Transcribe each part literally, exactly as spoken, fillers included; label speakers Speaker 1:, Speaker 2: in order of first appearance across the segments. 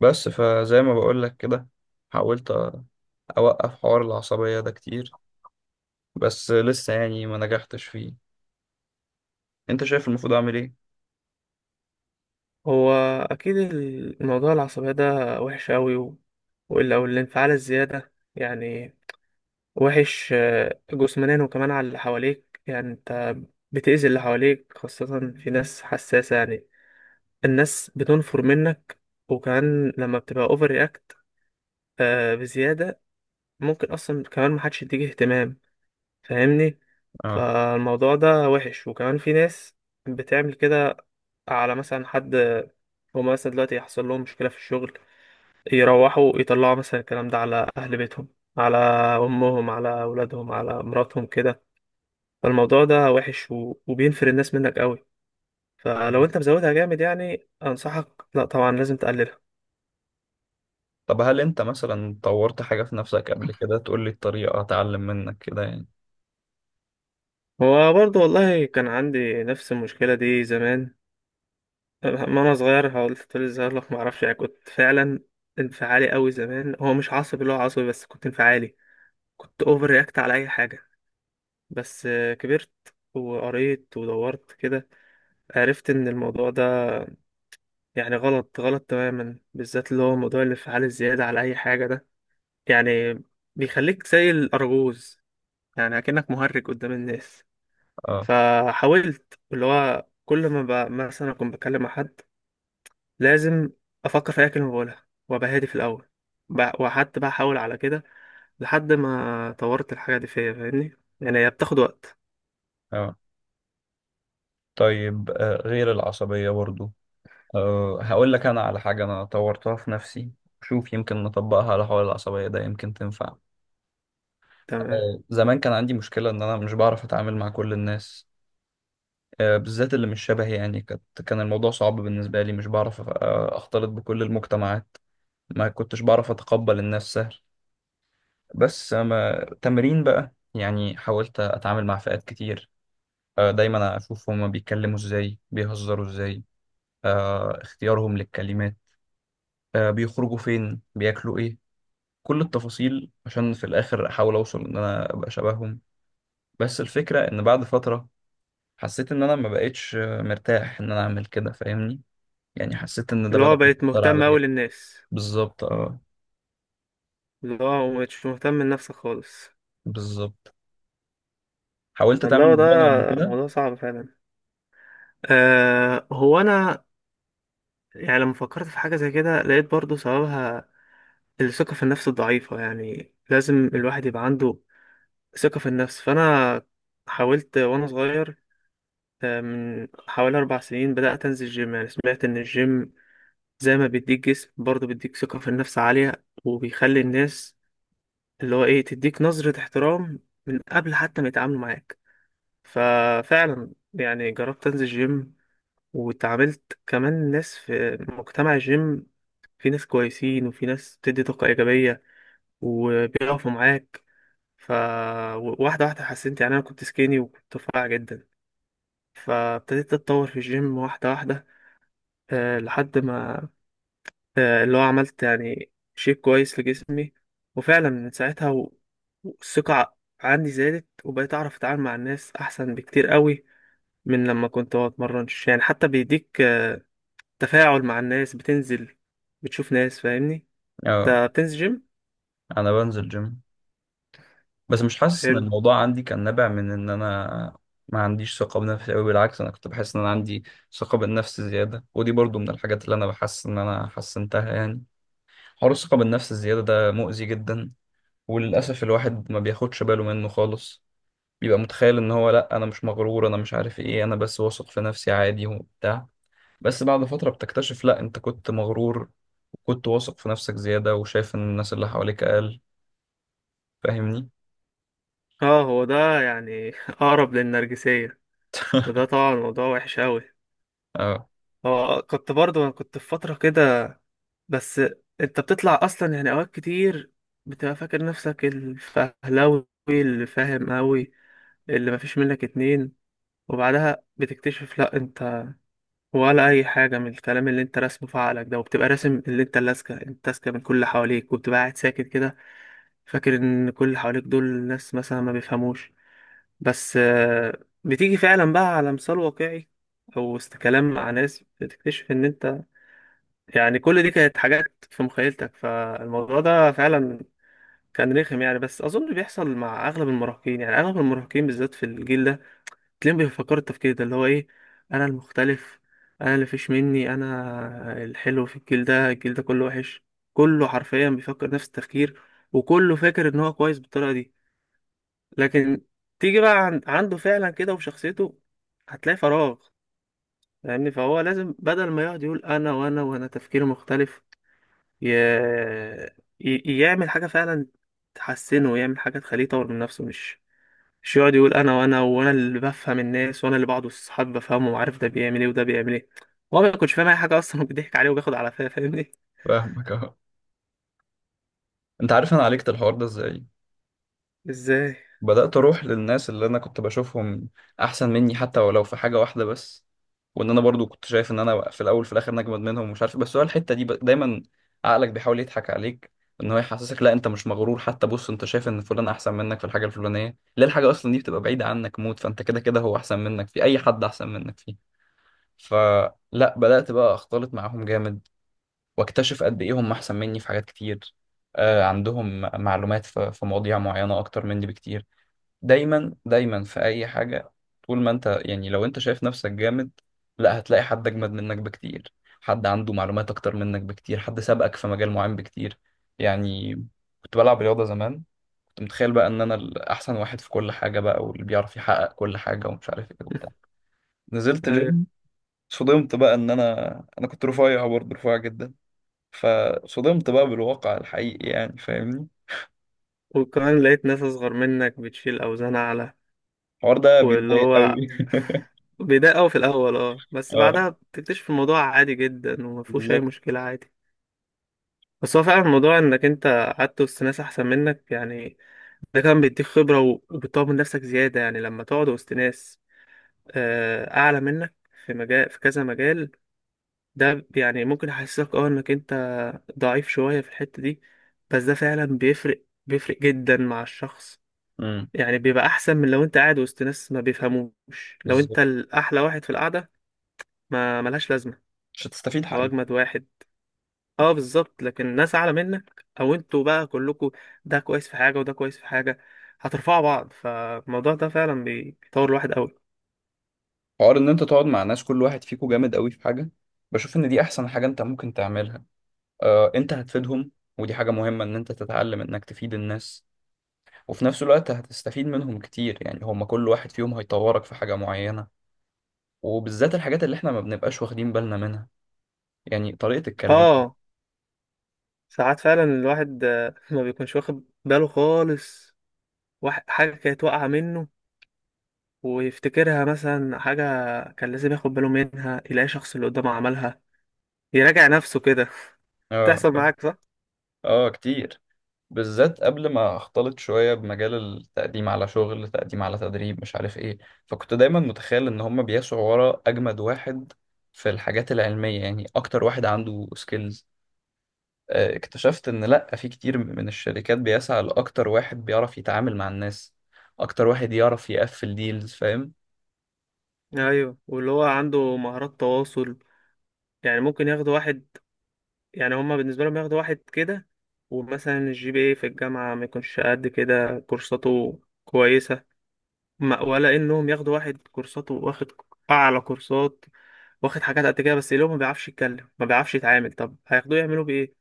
Speaker 1: بس فزي ما بقولك كده، حاولت أوقف حوار العصبية ده كتير، بس لسه يعني ما نجحتش فيه. أنت شايف المفروض أعمل إيه؟
Speaker 2: هو أكيد الموضوع العصبية ده وحش أوي و... وال- أو الانفعال الزيادة يعني وحش آه، جسمانيا، وكمان على اللي حواليك. يعني أنت بتأذي اللي حواليك، خاصة في ناس حساسة يعني. الناس بتنفر منك، وكمان لما بتبقى أوفر رياكت بزيادة ممكن أصلا كمان محدش يديك اهتمام، فاهمني.
Speaker 1: آه،
Speaker 2: فالموضوع ده وحش، وكمان في ناس بتعمل كده على مثلا حد. هما مثلا دلوقتي يحصل لهم مشكلة في الشغل، يروحوا يطلعوا مثلا الكلام ده على أهل بيتهم، على أمهم، على أولادهم، على مراتهم كده. فالموضوع ده وحش و... وبينفر الناس منك قوي. فلو
Speaker 1: تمام.
Speaker 2: أنت مزودها جامد يعني أنصحك، لا طبعا لازم تقللها.
Speaker 1: طب هل أنت مثلا طورت حاجة في نفسك قبل كده تقول لي الطريقة أتعلم منك كده يعني؟
Speaker 2: هو برضه والله كان عندي نفس المشكلة دي زمان، أما أنا صغير، حاولت لي صغير لك معرفش. يعني كنت فعلا انفعالي قوي زمان، هو مش عصبي اللي هو عصبي، بس كنت انفعالي، كنت أوفر رياكت على أي حاجة. بس آه، كبرت وقريت ودورت كده، عرفت ان الموضوع ده يعني غلط، غلط تماما، بالذات اللي هو موضوع الانفعال الزيادة على اي حاجة ده. يعني بيخليك زي الارجوز، يعني اكنك مهرج قدام الناس.
Speaker 1: آه،
Speaker 2: فحاولت اللي هو كل ما ب... مثلا اكون بكلم مع حد، لازم افكر في اي كلمة بقولها وابقى هادي في الاول. ب... وحتى بقى احاول على كده لحد ما طورت الحاجة دي فيا، فاهمني. يعني هي بتاخد وقت.
Speaker 1: آه، طيب. آه، غير العصبية برضو. آه، هقول لك أنا على حاجة أنا طورتها في نفسي. شوف، يمكن نطبقها على حوار العصبية ده، يمكن تنفع.
Speaker 2: تمام.
Speaker 1: آه، زمان كان عندي مشكلة إن أنا مش بعرف أتعامل مع كل الناس. آه، بالذات اللي مش شبهي، يعني كانت كان الموضوع صعب بالنسبة لي. مش بعرف أ- أختلط بكل المجتمعات، ما كنتش بعرف أتقبل الناس سهل. بس أما تمرين بقى، يعني حاولت أتعامل مع فئات كتير. آه، دايما أشوف هما بيتكلموا إزاي، بيهزروا إزاي، آه، اختيارهم للكلمات، آه، بيخرجوا فين، بياكلوا إيه، كل التفاصيل، عشان في الآخر أحاول أوصل إن أنا أبقى شبههم. بس الفكرة إن بعد فترة، حسيت إن أنا ما بقتش آه، مرتاح إن أنا أعمل كده، فاهمني؟ يعني حسيت ان ده
Speaker 2: اللي
Speaker 1: بدأ
Speaker 2: هو بقيت
Speaker 1: يأثر
Speaker 2: مهتم
Speaker 1: عليا.
Speaker 2: اوي للناس،
Speaker 1: بالظبط، اه.
Speaker 2: اللي هو مش مهتم لنفسك خالص.
Speaker 1: بالظبط. حاولت تعمل
Speaker 2: والله ده
Speaker 1: الموضوع ده قبل كده؟
Speaker 2: موضوع صعب فعلا. أه هو انا يعني لما فكرت في حاجه زي كده لقيت برضو سببها الثقه في النفس الضعيفه. يعني لازم الواحد يبقى عنده ثقه في النفس. فانا حاولت وانا صغير، آه، من حوالي اربع سنين بدات انزل جيم. يعني سمعت ان الجيم زي ما بيديك جسم برضو بيديك ثقه في النفس عاليه، وبيخلي الناس اللي هو ايه تديك نظره احترام من قبل حتى ما يتعاملوا معاك. ففعلا يعني جربت انزل جيم، واتعاملت كمان ناس في مجتمع الجيم. في ناس كويسين، وفي ناس بتدي طاقة إيجابية وبيقفوا معاك. ف واحدة واحدة حسنت. يعني أنا كنت سكيني وكنت رفيع جدا، فابتديت أتطور في الجيم واحدة واحدة، آه، لحد ما آه، اللي هو عملت يعني شيب كويس لجسمي. وفعلا من ساعتها و- والثقة عندي زادت، وبقيت أعرف أتعامل مع الناس أحسن بكتير قوي من لما كنت بتمرنش. يعني حتى بيديك تفاعل مع الناس، بتنزل بتشوف ناس، فاهمني.
Speaker 1: اه.
Speaker 2: انت بتنزل جيم؟
Speaker 1: انا بنزل جيم، بس مش حاسس ان
Speaker 2: حلو.
Speaker 1: الموضوع عندي كان نابع من ان انا ما عنديش ثقة بنفسي قوي. بالعكس، انا كنت بحس ان انا عندي ثقة بالنفس زيادة، ودي برضو من الحاجات اللي انا بحس ان انا حسنتها، يعني. حوار الثقة بالنفس الزيادة ده مؤذي جدا، وللأسف الواحد ما بياخدش باله منه خالص. بيبقى متخيل ان هو: لا، انا مش مغرور، انا مش عارف ايه، انا بس واثق في نفسي عادي وبتاع. بس بعد فترة بتكتشف: لا، انت كنت مغرور، وكنت واثق في نفسك زيادة، وشايف ان الناس اللي حواليك اقل. فاهمني؟
Speaker 2: اه هو ده يعني اقرب للنرجسية، وده طبعا موضوع وحش قوي.
Speaker 1: اه.
Speaker 2: هو كنت برضو انا كنت في فترة كده. بس انت بتطلع اصلا يعني اوقات كتير بتبقى فاكر نفسك الفهلاوي اللي فاهم قوي، اللي مفيش منك اتنين. وبعدها بتكتشف لا انت ولا اي حاجة من الكلام اللي انت راسمه في عقلك ده، وبتبقى راسم اللي انت اللاسكة، انت لاسكة من كل اللي حواليك، وبتبقى قاعد ساكت كده، فاكر ان كل اللي حواليك دول ناس مثلا ما بيفهموش. بس آه، بتيجي فعلا بقى على مثال واقعي او است- كلام مع ناس، بتكتشف ان انت يعني كل دي كانت حاجات في مخيلتك. فالموضوع ده فعلا كان رخم يعني. بس اظن بيحصل مع اغلب المراهقين، يعني اغلب المراهقين بالذات في الجيل ده تلاقيهم بيفكروا التفكير ده اللي هو ايه. انا المختلف، انا اللي فيش مني، انا الحلو في الجيل ده، الجيل ده كله وحش، كله حرفيا بيفكر نفس التفكير، وكله فاكر ان هو كويس بالطريقة دي. لكن تيجي بقى عن- عنده فعلا كده وفي شخصيته هتلاقي فراغ، فاهمني. فهو لازم بدل ما يقعد يقول انا وانا وانا تفكير مختلف، ي... ي... يعمل حاجة فعلا تحسنه، ويعمل حاجة تخليه يطور من نفسه. مش مش يقعد يقول انا وانا وانا اللي بفهم الناس، وانا اللي بعض الصحاب بفهمه وعارف ده بيعمل ايه وده بيعمل ايه. هو ما كنتش فاهم اي حاجة اصلا وبيضحك عليه وبياخد على فيها، فاهمني.
Speaker 1: فاهمك، اه. انت عارف انا عالجت الحوار ده ازاي؟
Speaker 2: ازاي؟
Speaker 1: بدأت أروح للناس اللي أنا كنت بشوفهم أحسن مني، حتى ولو في حاجة واحدة بس. وإن أنا برضو كنت شايف إن أنا في الأول في الآخر نجمد منهم ومش عارف إيه. بس هو الحتة دي ب- دايما عقلك بيحاول يضحك عليك، إن هو يحسسك: لا، أنت مش مغرور، حتى بص أنت شايف إن فلان أحسن منك في الحاجة الفلانية. ليه؟ الحاجة أصلا دي بتبقى بعيدة عنك موت، فأنت كده كده هو أحسن منك، في أي حد أحسن منك فيه. فلا، بدأت بقى أختلط معاهم جامد، وأكتشف قد إيه هم أحسن مني في حاجات كتير. آه، عندهم معلومات في في مواضيع معينة أكتر مني بكتير. دايما دايما في اي حاجه، طول ما انت، يعني لو انت شايف نفسك جامد، لا، هتلاقي حد اجمد منك بكتير، حد عنده معلومات اكتر منك بكتير، حد سبقك في مجال معين بكتير، يعني. كنت بلعب رياضه زمان، كنت متخيل بقى ان انا الاحسن واحد في كل حاجه بقى، واللي بيعرف يحقق كل حاجه ومش عارف ايه وبتاع. نزلت
Speaker 2: ايوه.
Speaker 1: جيم، صدمت بقى ان انا انا كنت رفيع، برضه رفيع جدا. فصدمت بقى بالواقع الحقيقي، يعني فاهمني.
Speaker 2: وكمان لقيت ناس اصغر منك بتشيل اوزان اعلى.
Speaker 1: الحوار ده
Speaker 2: واللي
Speaker 1: بيضايق
Speaker 2: هو
Speaker 1: قوي.
Speaker 2: بيضايق قوي في الاول، اه، بس
Speaker 1: اه،
Speaker 2: بعدها بتكتشف الموضوع عادي جدا وما فيهوش اي
Speaker 1: بالظبط.
Speaker 2: مشكله، عادي. بس هو فعلا الموضوع انك انت قعدت وسط ناس احسن منك يعني، ده كان بيديك خبره و- وبتطور من نفسك زياده. يعني لما تقعد وسط ناس آه، اعلى منك في مجال، في كذا مجال، ده يعني ممكن يحسسك اه انك انت ضعيف شويه في الحته دي، بس ده فعلا بيفرق، بيفرق جدا مع الشخص.
Speaker 1: امم.
Speaker 2: يعني بيبقى احسن من لو انت قاعد وسط ناس ما بيفهموش، لو انت الاحلى واحد في القعده ما ملهاش لازمه،
Speaker 1: مش هتستفيد
Speaker 2: هو
Speaker 1: حاجة.
Speaker 2: اجمد واحد. اه بالظبط. لكن ناس اعلى منك، او انتوا بقى كلكوا ده كويس في حاجه وده كويس في حاجه، هترفعوا بعض. فالموضوع ده فعلا بيطور الواحد قوي.
Speaker 1: حوار ان انت تقعد مع ناس كل واحد فيكو جامد قوي في حاجة، بشوف ان دي احسن حاجة انت ممكن تعملها. آه، انت هتفيدهم، ودي حاجة مهمة، ان انت تتعلم انك تفيد الناس، وفي نفس الوقت هتستفيد منهم كتير، يعني هما كل واحد فيهم هيطورك في حاجة معينة، وبالذات الحاجات اللي احنا ما بنبقاش واخدين بالنا منها، يعني طريقة الكلام.
Speaker 2: اه ساعات فعلا الواحد آه، ما بيكونش واخد باله خالص. واحد حاجه كانت واقعه منه ويفتكرها مثلا حاجه كان لازم ياخد باله منها، يلاقي شخص اللي قدامه عملها يراجع نفسه كده.
Speaker 1: اه،
Speaker 2: تحصل معاك صح؟
Speaker 1: اه، كتير. بالذات قبل ما اختلط شوية بمجال التقديم على شغل، تقديم على تدريب، مش عارف ايه. فكنت دايما متخيل ان هما بيسعوا ورا اجمد واحد في الحاجات العلمية، يعني اكتر واحد عنده سكيلز. اكتشفت ان لا، في كتير من الشركات بيسعى لاكتر واحد بيعرف يتعامل مع الناس، اكتر واحد يعرف يقفل ديلز. فاهم؟
Speaker 2: ايوه واللي هو عنده مهارات تواصل، يعني ممكن ياخد واحد. يعني هما بالنسبة لهم ياخدوا واحد كده، ومثلا الجي بي اي في الجامعة ما يكونش قد كده كورساته كويسة، ما- ولا انهم ياخدوا واحد كورساته واخد اعلى كورسات، واخد حاجات قد كده، بس اللي هو ما بيعرفش يتكلم، ما بيعرفش يتعامل. طب هياخدوه يعملوا بايه؟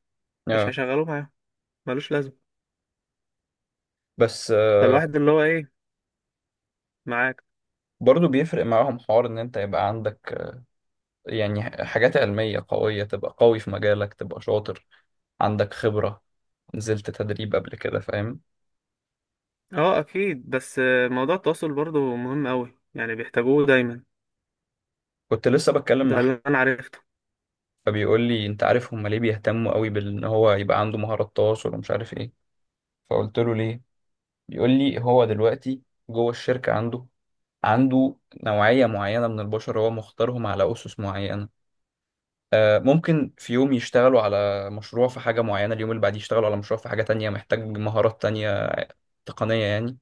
Speaker 2: مش
Speaker 1: اه.
Speaker 2: هيشغلوه معاهم، ملوش لازمة.
Speaker 1: بس آه،
Speaker 2: فالواحد اللي هو ايه معاك.
Speaker 1: برضو بيفرق معاهم حوار ان انت يبقى عندك، آه، يعني حاجات علمية قوية، تبقى قوي في مجالك، تبقى شاطر، عندك خبرة، نزلت تدريب قبل كده، فاهم؟
Speaker 2: اه اكيد بس آه، موضوع التواصل برضو مهم قوي، يعني بيحتاجوه دايما.
Speaker 1: كنت لسه بتكلم مع
Speaker 2: ده
Speaker 1: أحمد،
Speaker 2: اللي انا عرفته.
Speaker 1: فبيقول لي: أنت عارف هما ليه بيهتموا قوي بإن هو يبقى عنده مهارات تواصل ومش عارف إيه؟ فقلت له: ليه؟ بيقول لي: هو دلوقتي جوه الشركة عنده عنده نوعية معينة من البشر، هو مختارهم على أسس معينة. آه، ممكن في يوم يشتغلوا على مشروع في حاجة معينة، اليوم اللي بعديه يشتغلوا على مشروع في حاجة تانية محتاج مهارات تانية تقنية، يعني.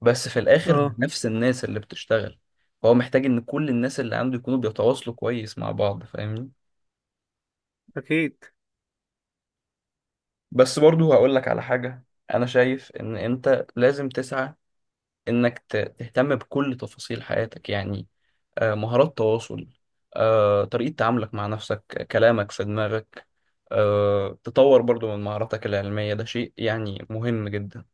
Speaker 1: بس في الاخر هم
Speaker 2: اه
Speaker 1: نفس الناس اللي بتشتغل. هو محتاج ان كل الناس اللي عنده يكونوا بيتواصلوا كويس مع بعض، فاهمني؟
Speaker 2: اكيد.
Speaker 1: بس برضو هقول لك على حاجة. انا شايف ان انت لازم تسعى انك ت- تهتم بكل تفاصيل حياتك، يعني آه، مهارات تواصل، آه، طريقة تعاملك مع نفسك، كلامك في دماغك، آه، تطور برضو من مهاراتك العلمية، ده شيء يعني مهم جدا.